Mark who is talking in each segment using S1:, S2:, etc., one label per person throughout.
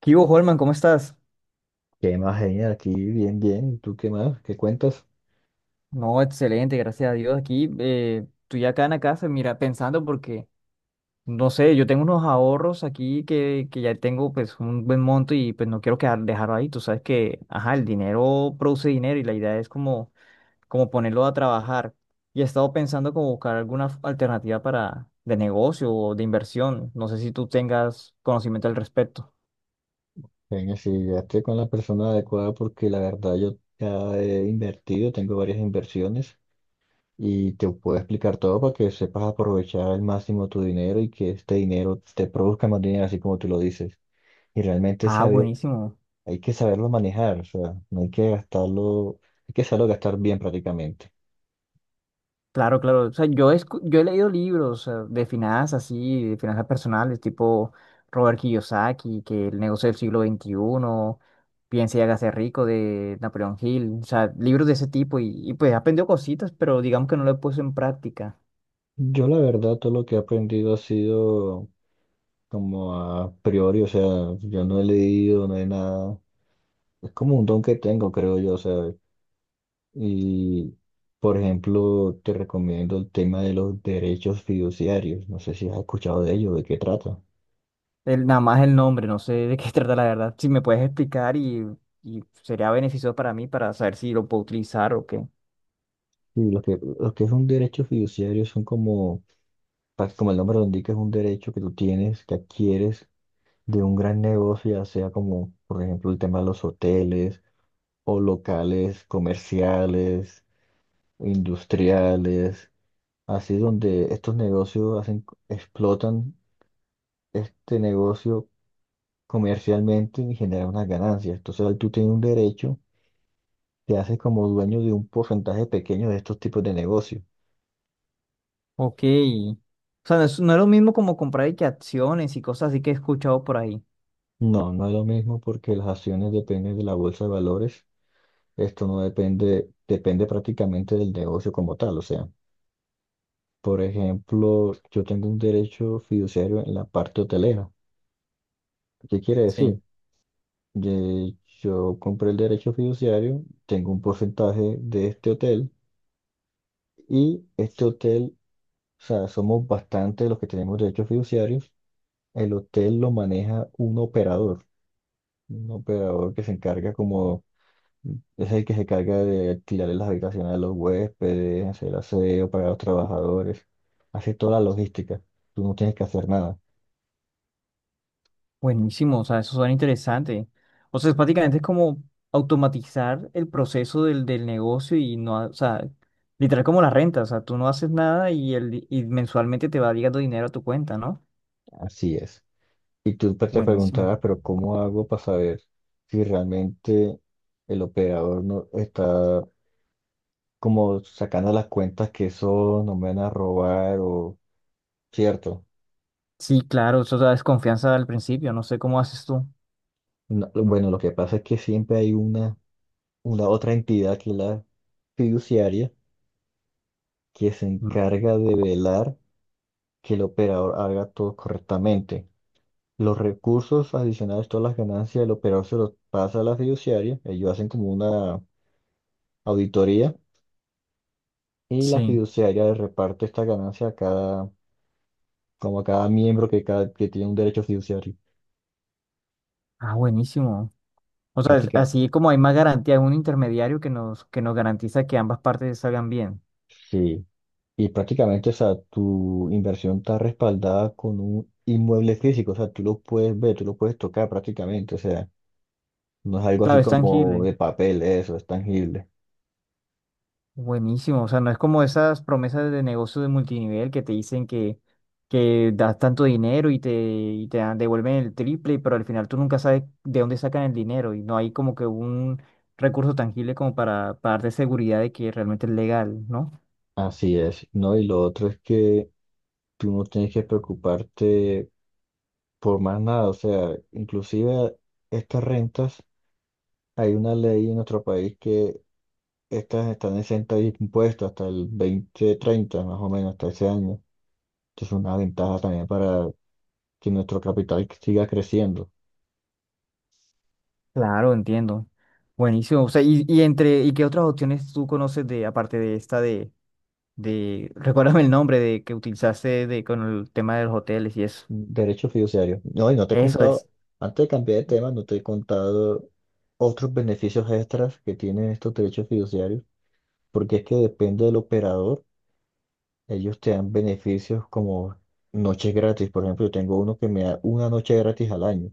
S1: ¿Qué hubo, Holman? ¿Cómo estás?
S2: ¿Qué más, genial? Aquí bien, bien. ¿Y tú qué más? ¿Qué cuentas?
S1: No, excelente, gracias a Dios. Aquí estoy acá en la casa, mira, pensando porque, no sé, yo tengo unos ahorros aquí que ya tengo pues un buen monto y pues no quiero quedar, dejarlo ahí. Tú sabes que, ajá, el dinero produce dinero y la idea es como, como ponerlo a trabajar. Y he estado pensando como buscar alguna alternativa para de negocio o de inversión. No sé si tú tengas conocimiento al respecto.
S2: Genia, si llegaste con la persona adecuada porque la verdad yo ya he invertido, tengo varias inversiones y te puedo explicar todo para que sepas aprovechar al máximo tu dinero y que este dinero te produzca más dinero, así como tú lo dices. Y realmente
S1: Ah,
S2: saber,
S1: buenísimo.
S2: hay que saberlo manejar, o sea, no hay que gastarlo, hay que saberlo gastar bien prácticamente.
S1: Claro, claro. O sea, yo he leído libros de finanzas, así, de finanzas personales, tipo Robert Kiyosaki, que el negocio del siglo XXI, Piense y hágase rico de Napoleón Hill. O sea, libros de ese tipo. Y pues he aprendido cositas, pero digamos que no lo he puesto en práctica.
S2: Yo la verdad todo lo que he aprendido ha sido como a priori, o sea, yo no he leído, no he nada. Es como un don que tengo, creo yo, ¿sabes? Y, por ejemplo, te recomiendo el tema de los derechos fiduciarios. No sé si has escuchado de ello, de qué trata.
S1: Nada más el nombre, no sé de qué trata la verdad. Si me puedes explicar y sería beneficioso para mí para saber si lo puedo utilizar o qué.
S2: Y lo que es un derecho fiduciario son como, como el nombre lo indica, es un derecho que tú tienes, que adquieres de un gran negocio, ya sea como, por ejemplo, el tema de los hoteles o locales comerciales, industriales, así donde estos negocios hacen, explotan este negocio comercialmente y genera unas ganancias. Entonces ahí tú tienes un derecho, te haces como dueño de un porcentaje pequeño de estos tipos de negocios.
S1: Ok. O sea, no es lo mismo como comprar y que acciones y cosas así que he escuchado por ahí.
S2: No, no es lo mismo porque las acciones dependen de la bolsa de valores. Esto no depende, depende prácticamente del negocio como tal. O sea, por ejemplo, yo tengo un derecho fiduciario en la parte hotelera. ¿Qué quiere
S1: Sí.
S2: decir? Yo compré el derecho fiduciario, tengo un porcentaje de este hotel y este hotel. O sea, somos bastante los que tenemos derechos fiduciarios. El hotel lo maneja un operador que se encarga como, es el que se encarga de alquilarle las habitaciones a los huéspedes, hacer aseo para los trabajadores, hace toda la logística. Tú no tienes que hacer nada.
S1: Buenísimo, o sea, eso suena interesante. O sea, es prácticamente es como automatizar el proceso del negocio y no, o sea, literal como la renta, o sea, tú no haces nada y, y mensualmente te va llegando dinero a tu cuenta, ¿no?
S2: Así es. Y tú te
S1: Buenísimo.
S2: preguntarás, pero ¿cómo hago para saber si realmente el operador no está como sacando las cuentas que eso nos van a robar o cierto?
S1: Sí, claro, eso da desconfianza al principio, no sé cómo haces tú.
S2: No, bueno, lo que pasa es que siempre hay una otra entidad que es la fiduciaria que se
S1: Mm.
S2: encarga de velar que el operador haga todo correctamente. Los recursos adicionales, todas las ganancias del operador se los pasa a la fiduciaria, ellos hacen como una auditoría y la
S1: Sí.
S2: fiduciaria le reparte esta ganancia a cada, como a cada miembro que, cada, que tiene un derecho fiduciario.
S1: Ah, buenísimo. O sea,
S2: Prácticamente.
S1: así como hay más garantía, es un intermediario que nos garantiza que ambas partes salgan bien.
S2: Sí. Y prácticamente, o sea, tu inversión está respaldada con un inmueble físico, o sea, tú lo puedes ver, tú lo puedes tocar prácticamente, o sea, no es algo
S1: Claro,
S2: así
S1: es
S2: como
S1: tangible.
S2: de papel, eso, es tangible.
S1: Buenísimo, o sea, no es como esas promesas de negocio de multinivel que te dicen que das tanto dinero y te, devuelven el triple, pero al final tú nunca sabes de dónde sacan el dinero y no hay como que un recurso tangible como para darte seguridad de que realmente es legal, ¿no?
S2: Así es, ¿no? Y lo otro es que tú no tienes que preocuparte por más nada, o sea, inclusive estas rentas, hay una ley en nuestro país que estas están exentas de impuestos hasta el 2030 más o menos, hasta ese año. Entonces, es una ventaja también para que nuestro capital siga creciendo.
S1: Claro, entiendo. Buenísimo, o sea, y entre, ¿y qué otras opciones tú conoces de, aparte de esta de, recuérdame el nombre de que utilizaste de, con el tema de los hoteles y eso?
S2: Derecho fiduciario. No, y no te he
S1: Eso
S2: contado,
S1: es.
S2: antes de cambiar de tema, no te he contado otros beneficios extras que tienen estos derechos fiduciarios, porque es que depende del operador, ellos te dan beneficios como noches gratis. Por ejemplo, yo tengo uno que me da una noche gratis al año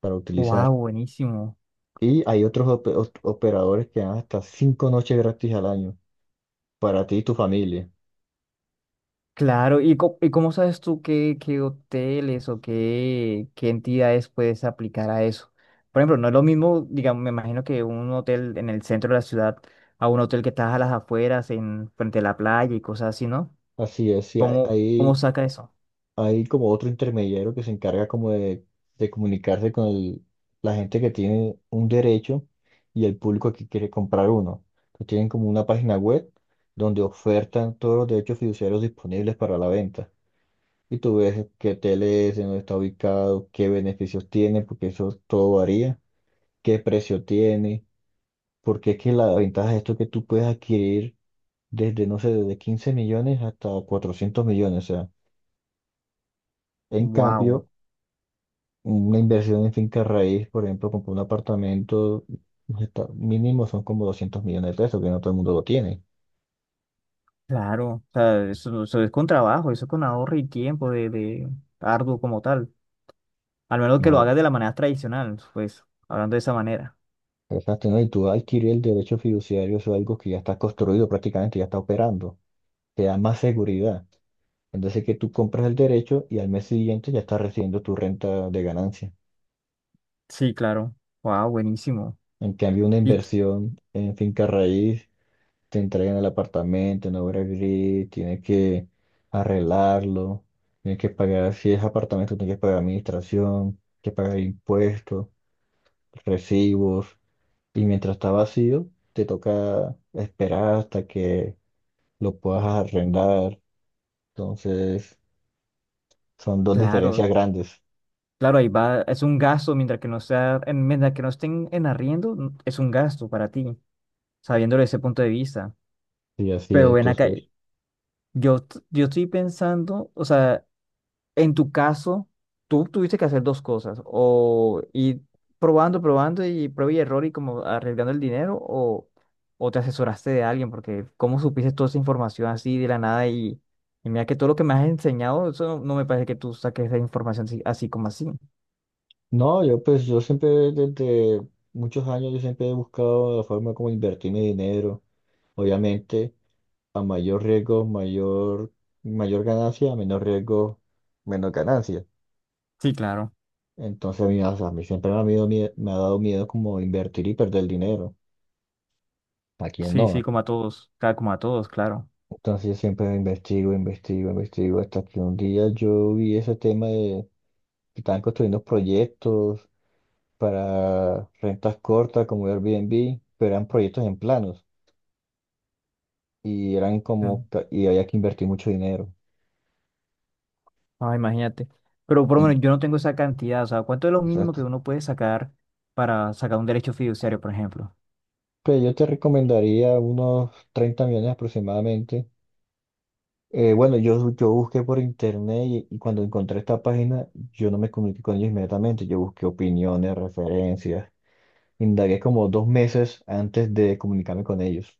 S2: para
S1: Wow,
S2: utilizar.
S1: buenísimo.
S2: Y hay otros operadores que dan hasta 5 noches gratis al año para ti y tu familia.
S1: Claro, ¿y, y cómo sabes tú qué, qué hoteles o qué, qué entidades puedes aplicar a eso? Por ejemplo, no es lo mismo, digamos, me imagino que un hotel en el centro de la ciudad a un hotel que está a las afueras, en frente a la playa y cosas así, ¿no?
S2: Así es, sí,
S1: ¿Cómo, cómo
S2: hay,
S1: saca eso?
S2: hay como otro intermediario que se encarga como de comunicarse con la gente que tiene un derecho y el público que quiere comprar uno. Entonces tienen como una página web donde ofertan todos los derechos fiduciarios disponibles para la venta. Y tú ves qué tele es, en dónde está ubicado, qué beneficios tiene, porque eso todo varía, qué precio tiene, porque es que la ventaja de esto es que tú puedes adquirir desde, no sé, desde 15 millones hasta 400 millones. O sea, en
S1: Wow,
S2: cambio... una inversión en finca raíz, por ejemplo, comprar un apartamento, pues, mínimo son como 200 millones de pesos, que no todo el mundo lo tiene.
S1: claro, o sea, eso es con trabajo, eso es con ahorro y tiempo de arduo como tal. Al menos que lo
S2: No,
S1: hagas de la manera tradicional, pues, hablando de esa manera.
S2: exacto, ¿no? Y tú adquirir el derecho fiduciario, eso es algo que ya está construido prácticamente, ya está operando. Te da más seguridad. Entonces, que tú compras el derecho y al mes siguiente ya estás recibiendo tu renta de ganancia.
S1: Sí, claro. Wow, buenísimo.
S2: En cambio, una
S1: Y
S2: inversión en finca raíz te entregan el apartamento en obra gris, tienes que arreglarlo, tienes que pagar, si es apartamento, tienes que pagar administración, tienes que pagar impuestos, recibos, y mientras está vacío, te toca esperar hasta que lo puedas arrendar. Entonces, son dos diferencias
S1: claro,
S2: grandes.
S1: Claro, ahí va, es un gasto, mientras que no sea, mientras que no estén en arriendo, es un gasto para ti, sabiéndolo desde ese punto de vista.
S2: Y así es,
S1: Pero ven acá,
S2: entonces.
S1: yo estoy pensando, o sea, en tu caso, tú tuviste que hacer dos cosas, o ir probando y prueba y error y como arriesgando el dinero, o te asesoraste de alguien, porque cómo supiste toda esa información así de la nada y, y mira que todo lo que me has enseñado, eso no, no me parece que tú saques esa información así, así como así.
S2: No, yo pues yo siempre desde muchos años yo siempre he buscado la forma como invertir mi dinero. Obviamente. A mayor riesgo, mayor ganancia, a menor riesgo, menor ganancia.
S1: Sí, claro.
S2: Entonces a mí, o sea, a mí siempre me ha dado miedo como invertir y perder dinero. ¿A quién
S1: Sí, sí,
S2: no?
S1: como a todos, como a todos, claro.
S2: Entonces yo siempre investigo, investigo, investigo, hasta que un día yo vi ese tema de que estaban construyendo proyectos para rentas cortas como Airbnb, pero eran proyectos en planos y eran como,
S1: Mm.
S2: ca- y había que invertir mucho dinero.
S1: Ah, imagínate. Pero por lo
S2: En-
S1: menos yo no tengo esa cantidad, o sea, ¿cuánto es lo mínimo que
S2: Exacto.
S1: uno puede sacar para sacar un derecho fiduciario, por ejemplo?
S2: Pues yo te recomendaría unos 30 millones aproximadamente. Bueno, yo busqué por internet y cuando encontré esta página, yo no me comuniqué con ellos inmediatamente. Yo busqué opiniones, referencias. Indagué como 2 meses antes de comunicarme con ellos.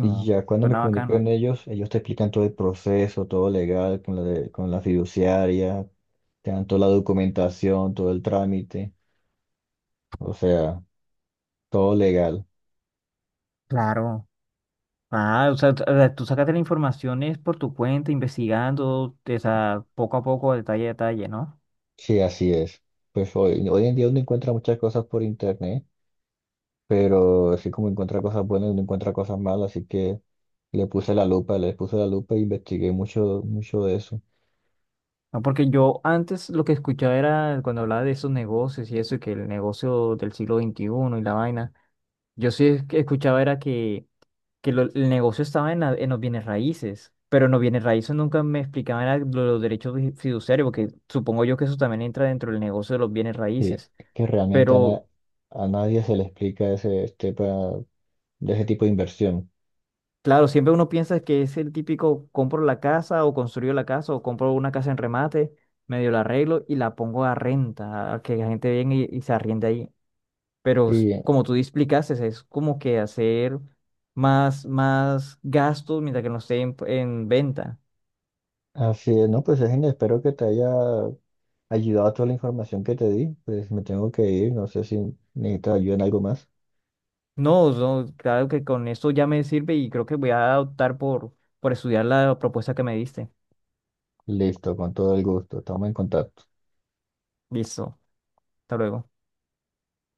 S2: Y ya cuando me
S1: suena
S2: comuniqué con
S1: bacano.
S2: ellos, ellos te explican todo el proceso, todo legal, con la fiduciaria, te dan toda la documentación, todo el trámite. O sea, todo legal.
S1: Claro. Ah, o sea, o sea, tú sacaste la información es por tu cuenta, investigando, o sea, poco a poco, detalle a detalle, ¿no?
S2: Sí, así es. Pues hoy en día uno encuentra muchas cosas por internet, pero así como encuentra cosas buenas, uno encuentra cosas malas, así que le puse la lupa, le puse la lupa e investigué mucho, mucho de eso.
S1: No, porque yo antes lo que escuchaba era cuando hablaba de esos negocios y eso, y que el negocio del siglo XXI y la vaina, yo sí escuchaba era que el negocio estaba en, en los bienes raíces, pero en los bienes raíces nunca me explicaban era los derechos fiduciarios, porque supongo yo que eso también entra dentro del negocio de los bienes
S2: Sí,
S1: raíces.
S2: que realmente a,
S1: Pero
S2: na- a nadie se le explica de ese tipo de inversión.
S1: claro, siempre uno piensa que es el típico compro la casa o construyo la casa o compro una casa en remate, medio la arreglo y la pongo a renta, a que la gente venga y se arriende ahí. Pero
S2: Sí,
S1: como tú explicaste, es como que hacer más, más gastos mientras que no esté en venta.
S2: así es. No, pues es, espero que te haya ayudado toda la información que te di. Pues me tengo que ir, no sé si necesitas ayuda en algo más.
S1: No, no, claro que con esto ya me sirve y creo que voy a optar por estudiar la propuesta que me diste.
S2: Listo, con todo el gusto. Estamos en contacto.
S1: Listo, hasta luego.